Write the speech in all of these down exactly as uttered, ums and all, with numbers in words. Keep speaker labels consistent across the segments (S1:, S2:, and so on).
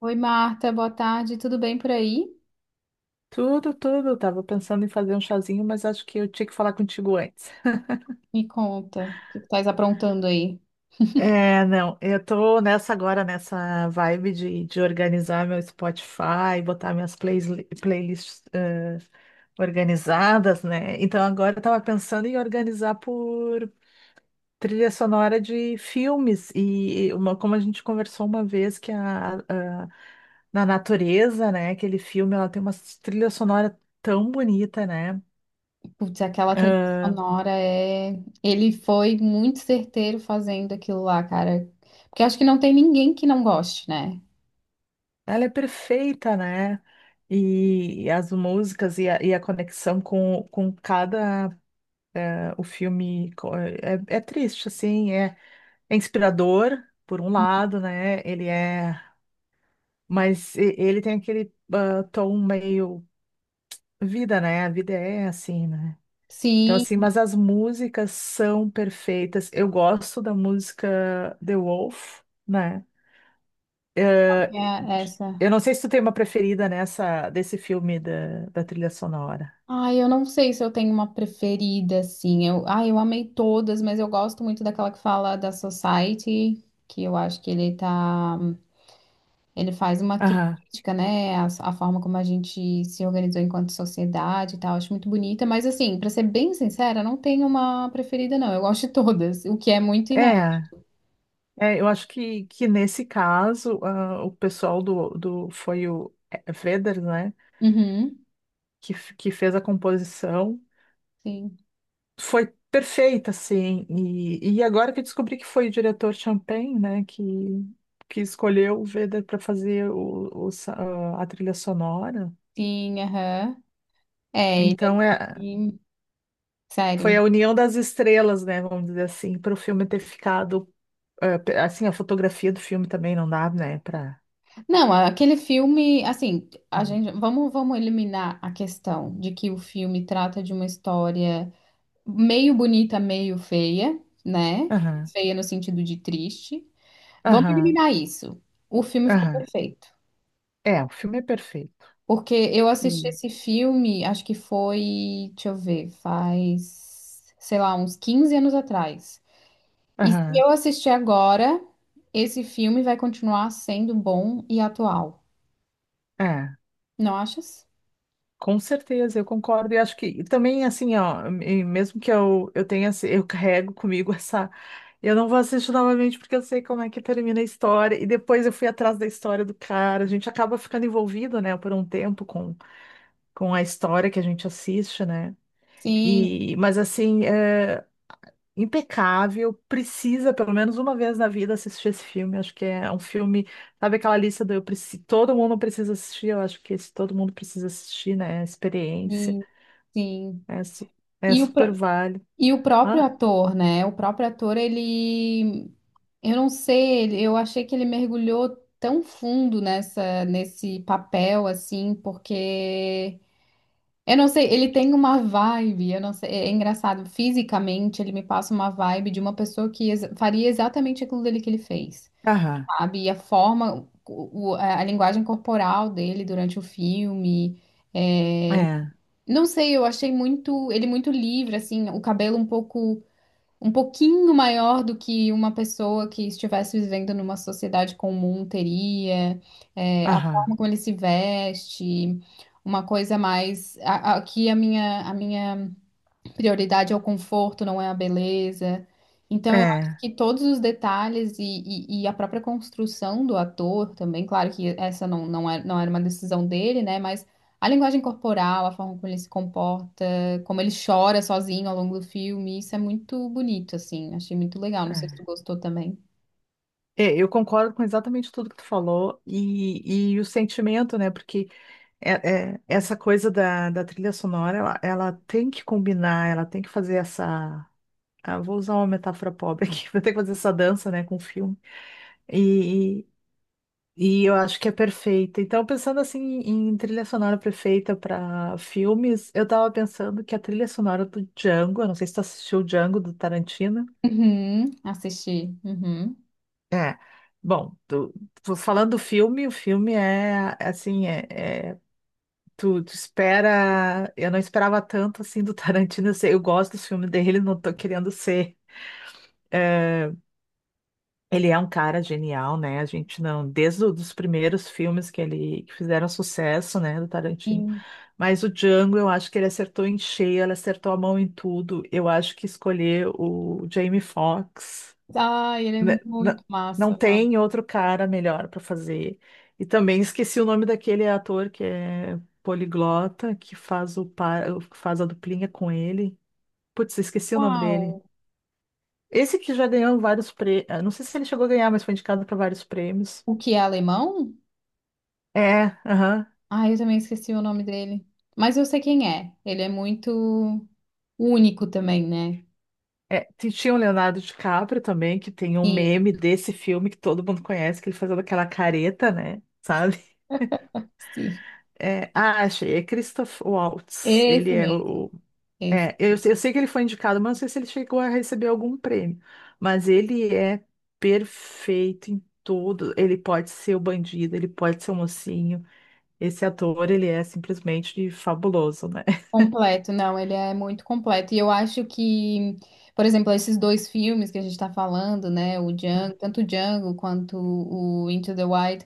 S1: Oi, Marta, boa tarde, tudo bem por aí?
S2: Tudo, tudo. Tava pensando em fazer um chazinho, mas acho que eu tinha que falar contigo antes.
S1: Me conta, o que tu estás aprontando aí?
S2: É, não, eu tô nessa agora, nessa vibe de, de organizar meu Spotify, botar minhas plays, playlists eh, organizadas, né? Então agora eu tava pensando em organizar por trilha sonora de filmes. E uma, como a gente conversou uma vez que a, a- na natureza, né? Aquele filme, ela tem uma trilha sonora tão bonita, né?
S1: Putz, aquela trilha sonora é. Ele foi muito certeiro fazendo aquilo lá, cara. Porque acho que não tem ninguém que não goste, né?
S2: Ela é perfeita, né? E as músicas e a, e a conexão com, com cada eh, o filme co- é, é triste, assim, é, é inspirador por um lado, né? Ele é, mas e- ele tem aquele ah, tom meio vida, né? A vida é assim, né? Então,
S1: Sim,
S2: assim, mas as músicas são perfeitas. Eu gosto da música The Wolf, né?
S1: é essa.
S2: Eu não sei se tu tem uma preferida nessa desse filme da, da trilha sonora.
S1: Ai, eu não sei se eu tenho uma preferida, assim. Eu, ai, eu amei todas, mas eu gosto muito daquela que fala da Society, que eu acho que ele tá. Ele faz uma
S2: Aham.
S1: crítica, né, à, à forma como a gente se organizou enquanto sociedade e tal. Acho muito bonita, mas assim, pra ser bem sincera, não tenho uma preferida, não. Eu gosto de todas, o que é muito
S2: É,
S1: inédito.
S2: é, eu acho que, que nesse caso, ah, o pessoal do, do foi o é, Vedder, né,
S1: Uhum,
S2: que, f- que fez a composição,
S1: sim,
S2: foi perfeita, assim, e, e agora que eu descobri que foi o diretor Champagne, né, que, que escolheu o Vedder para fazer o, o sa- ah, a trilha sonora,
S1: sim, aham. É, ele
S2: então é,
S1: ali.
S2: foi
S1: Sério.
S2: a união das estrelas, né, vamos dizer assim, para o filme ter ficado, eh, pe- assim, a fotografia do filme também não dá, né, para...
S1: Não, aquele filme, assim, a gente, vamos, vamos eliminar a questão de que o filme trata de uma história meio bonita, meio feia, né?
S2: Aham,
S1: Feia no sentido de triste. Vamos
S2: aham.
S1: eliminar isso. O filme ficou
S2: Aham.
S1: perfeito.
S2: É, o filme é perfeito.
S1: Porque eu
S2: E
S1: assisti esse filme, acho que foi, deixa eu ver, faz, sei lá, uns quinze anos atrás. E se
S2: aham,
S1: eu assistir agora, esse filme vai continuar sendo bom e atual.
S2: é,
S1: Não achas?
S2: com certeza, eu concordo. E acho que e também, assim, ó, e mesmo que eu, eu tenha, esse- eu carrego comigo essa. Eu não vou assistir novamente porque eu sei como é que termina a história. E depois eu fui atrás da história do cara. A gente acaba ficando envolvido, né, por um tempo com, com a história que a gente assiste, né?
S1: Sim,
S2: E, mas assim, é. Impecável, precisa pelo menos uma vez na vida assistir esse filme. Acho que é um filme, sabe aquela lista do eu preciso, todo mundo precisa assistir, eu acho que esse todo mundo precisa assistir, né? É experiência,
S1: sim, sim.
S2: é, su- é
S1: E o,
S2: super
S1: pró-
S2: válido.
S1: e o próprio
S2: Hã?
S1: ator, né? O próprio ator, ele. Eu não sei, ele- eu achei que ele mergulhou tão fundo nessa, nesse papel, assim, porque. Eu não sei, ele tem uma vibe, eu não sei, é é engraçado, fisicamente ele me passa uma vibe de uma pessoa que exa- faria exatamente aquilo dele que ele fez,
S2: Aham,
S1: sabe? E a forma, o- o- a a linguagem corporal dele durante o filme, é,
S2: é,
S1: não sei, eu achei muito, ele muito livre, assim, o cabelo um pouco um pouquinho maior do que uma pessoa que estivesse vivendo numa sociedade comum teria, é, a
S2: aham,
S1: forma como ele se veste, uma coisa mais. a- a- Aqui a minha, a minha prioridade é o conforto, não é a beleza. Então, eu acho
S2: é,
S1: que todos os detalhes e, e- e a própria construção do ator também, claro que essa não, não é- não era uma decisão dele, né? Mas a linguagem corporal, a forma como ele se comporta, como ele chora sozinho ao longo do filme, isso é muito bonito, assim. Achei muito legal. Não sei se tu
S2: é.
S1: gostou também.
S2: É, eu concordo com exatamente tudo que tu falou e, e o sentimento, né? Porque é, é, essa coisa da, da trilha sonora, ela, ela tem que combinar, ela tem que fazer essa Ah, vou usar uma metáfora pobre aqui, vou ter que fazer essa dança, né, com o filme. E, e, e eu acho que é perfeita. Então, pensando assim em trilha sonora perfeita para filmes, eu tava pensando que a trilha sonora do Django, eu não sei se tu assistiu o Django do Tarantino.
S1: Uhum, assisti. Uhum.
S2: É. Bom, tu- tu- falando do filme, o filme é assim, é, é- tu, tu espera. Eu não esperava tanto assim do Tarantino. Eu, sei, eu gosto dos filmes dele, não tô querendo ser. eh, Ele é um cara genial, né? A gente não, desde os primeiros filmes que ele que fizeram sucesso, né, do Tarantino.
S1: Sim.
S2: Mas o Django, eu acho que ele acertou em cheio, ele acertou a mão em tudo. Eu acho que escolher o Jamie Foxx,
S1: Ai, ele é
S2: né, n-
S1: muito
S2: não
S1: massa, né?
S2: tem outro cara melhor para fazer. E também esqueci o nome daquele ator que é poliglota, que faz o par, que faz a duplinha com ele. Putz, esqueci o nome dele.
S1: Qual?
S2: Esse que já ganhou vários prêmios, não sei se ele chegou a ganhar, mas foi indicado para vários prêmios.
S1: O que é alemão?
S2: É, aham.
S1: Ah, eu também esqueci o nome dele. Mas eu sei quem é. Ele é muito único também, né?
S2: É, t- tinha o Leonardo DiCaprio também, que tem um
S1: Sim,
S2: meme desse filme que todo mundo conhece, que ele fazendo aquela careta, né? Sabe?
S1: sim.
S2: É, ah, achei. É Christoph Waltz. Ele
S1: Esse
S2: é
S1: mesmo,
S2: o.
S1: esse.
S2: É, eu, eu sei que ele foi indicado, mas não sei se ele chegou a receber algum prêmio. Mas ele é perfeito em tudo. Ele pode ser o bandido, ele pode ser o mocinho. Esse ator, ele é simplesmente fabuloso, né?
S1: Completo, não, ele é muito completo. E eu acho que, por exemplo, esses dois filmes que a gente tá falando, né? O Django, tanto o Django quanto o Into the Wild,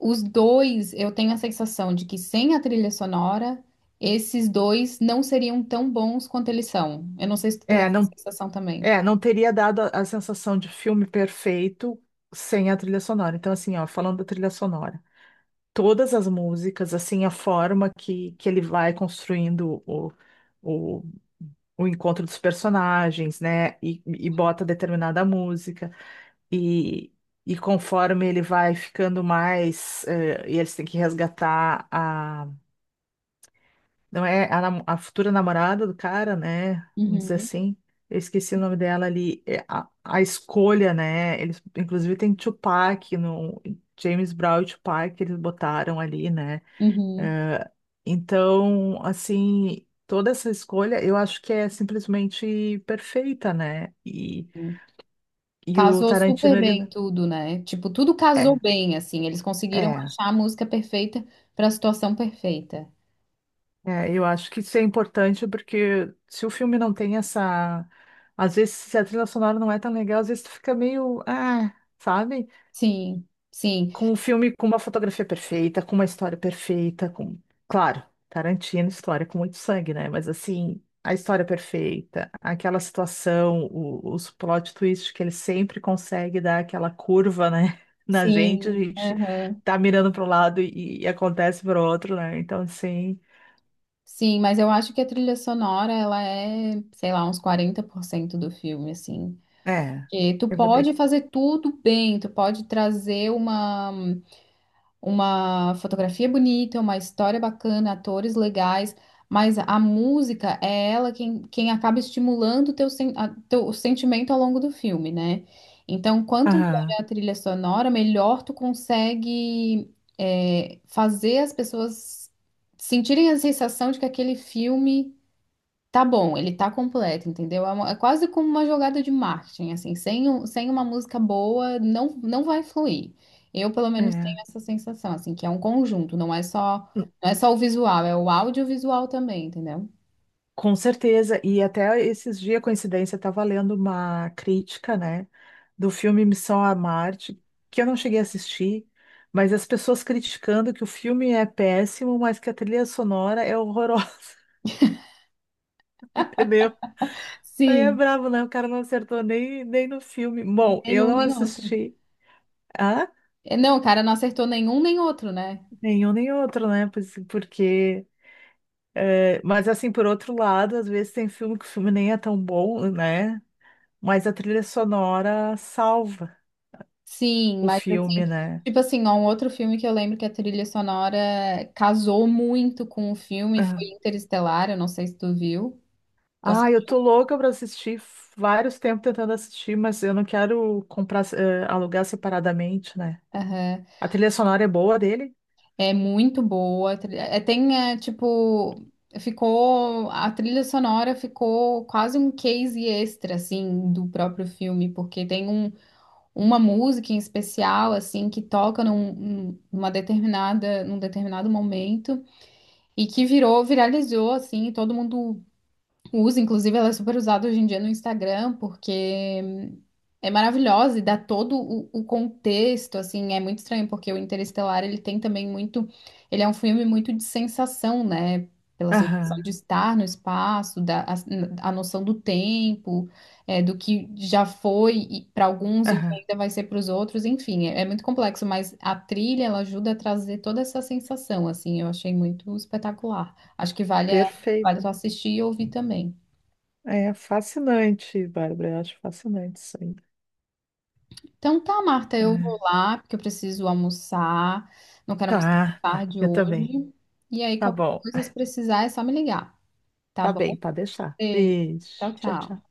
S1: os dois, eu tenho a sensação de que sem a trilha sonora, esses dois não seriam tão bons quanto eles são. Eu não sei se tu tem
S2: É,
S1: essa
S2: não
S1: sensação também.
S2: É, não teria dado a, a sensação de filme perfeito sem a trilha sonora. Então, assim, ó, falando da trilha sonora, todas as músicas, assim, a forma que, que ele vai construindo o, o, o encontro dos personagens, né? E, e bota determinada música. E, e conforme ele vai ficando mais, eh, e eles têm que resgatar a não é a, nam- a futura namorada do cara, né? Vamos dizer
S1: Uhum,
S2: assim. Eu esqueci o nome dela ali. É A, a escolha, né? Eles, inclusive, tem Tupac no James Brown e Tupac que eles botaram ali, né?
S1: uhum.
S2: Eh, então, assim, toda essa escolha eu acho que é simplesmente perfeita, né? E, e o
S1: Casou
S2: Tarantino,
S1: super
S2: ele.
S1: bem
S2: Né?
S1: tudo, né? Tipo, tudo casou
S2: É,
S1: bem, assim. Eles conseguiram
S2: é.
S1: achar a música perfeita para a situação perfeita.
S2: É, eu acho que isso é importante porque se o filme não tem essa. Às vezes, se a trilha sonora não é tão legal, às vezes tu fica meio. Ah, sabe?
S1: Sim, sim,
S2: Com um filme com uma fotografia perfeita, com uma história perfeita, com. Claro, Tarantino, história com muito sangue, né? Mas assim, a história perfeita, aquela situação, o- os plot twists que ele sempre consegue dar aquela curva, né? Na gente, a
S1: sim,
S2: gente
S1: aham.
S2: tá mirando para um lado e, e acontece para o outro, né? Então, assim.
S1: Sim, mas eu acho que a trilha sonora, ela é, sei lá, uns quarenta por cento do filme, assim.
S2: É.
S1: Que tu
S2: Eu vou ter
S1: pode
S2: que
S1: fazer tudo bem, tu pode trazer uma. Uma fotografia bonita, uma história bacana, atores legais, mas a música é ela quem, quem acaba estimulando o teu, sen- a- teu sentimento ao longo do filme, né? Então, quanto melhor
S2: Ah,
S1: é a trilha sonora, melhor tu consegue, é, fazer as pessoas sentirem a sensação de que aquele filme tá bom, ele tá completo, entendeu? É, uma- é quase como uma jogada de marketing, assim, sem, um- sem uma música boa não, não vai fluir. Eu, pelo menos, tenho
S2: é.
S1: essa sensação, assim, que é um conjunto, não é só, não é só o visual, é o audiovisual também, entendeu?
S2: Com certeza. E até esses dias, coincidência, eu estava lendo uma crítica, né, do filme Missão a Marte, que eu não cheguei a assistir, mas as pessoas criticando que o filme é péssimo, mas que a trilha sonora é horrorosa, entendeu? Aí é
S1: Sim.
S2: bravo, né? O cara não acertou nem, nem no filme. Bom, eu
S1: Nenhum
S2: não
S1: nem outro.
S2: assisti a
S1: É, não, o cara não acertou nenhum nem outro, né?
S2: nenhum nem outro, né? Pois- Porque. É, mas assim, por outro lado, às vezes tem filme que o filme nem é tão bom, né? Mas a trilha sonora salva
S1: Sim,
S2: o
S1: mas assim,
S2: filme, né?
S1: tipo assim, ó, um outro filme que eu lembro que a trilha sonora casou muito com o filme
S2: Ah,
S1: foi Interestelar, eu não sei se tu viu. Tu
S2: ah, eu
S1: assistiu?
S2: tô louca pra assistir, vários tempos tentando assistir, mas eu não quero comprar, eh, alugar separadamente, né?
S1: Aham.
S2: A trilha sonora é boa dele?
S1: É muito boa. Tri- É, é, tem, é, tipo, ficou. A trilha sonora ficou quase um case extra, assim, do próprio filme, porque tem um, uma música em especial, assim, que toca num, num- numa determinada, num determinado momento e que virou, viralizou, assim, e todo mundo usa, inclusive, ela é super usada hoje em dia no Instagram, porque hum, é maravilhosa e dá todo o, o contexto, assim, é muito estranho, porque o Interestelar, ele tem também muito, ele é um filme muito de sensação, né? Pela sensação de
S2: Aham,
S1: estar no espaço, da, a, a noção do tempo, é, do que já foi para alguns e o que
S2: aham,
S1: ainda vai ser para os outros, enfim, é, é muito complexo, mas a trilha, ela ajuda a trazer toda essa sensação, assim, eu achei muito espetacular. Acho que vale a. Vale
S2: perfeita.
S1: só assistir e ouvir também.
S2: É fascinante, Bárbara, eu acho fascinante isso aí.
S1: Então tá, Marta, eu
S2: É.
S1: vou lá, porque eu preciso almoçar. Não quero almoçar
S2: Tá, tá,
S1: tarde
S2: eu também.
S1: hoje. E aí,
S2: Tá
S1: qualquer
S2: bom,
S1: coisa, se precisar, é só me ligar, tá
S2: tá
S1: bom?
S2: bem, pode deixar.
S1: Beijo.
S2: Beijo,
S1: Tchau,
S2: tchau, tchau.
S1: tchau.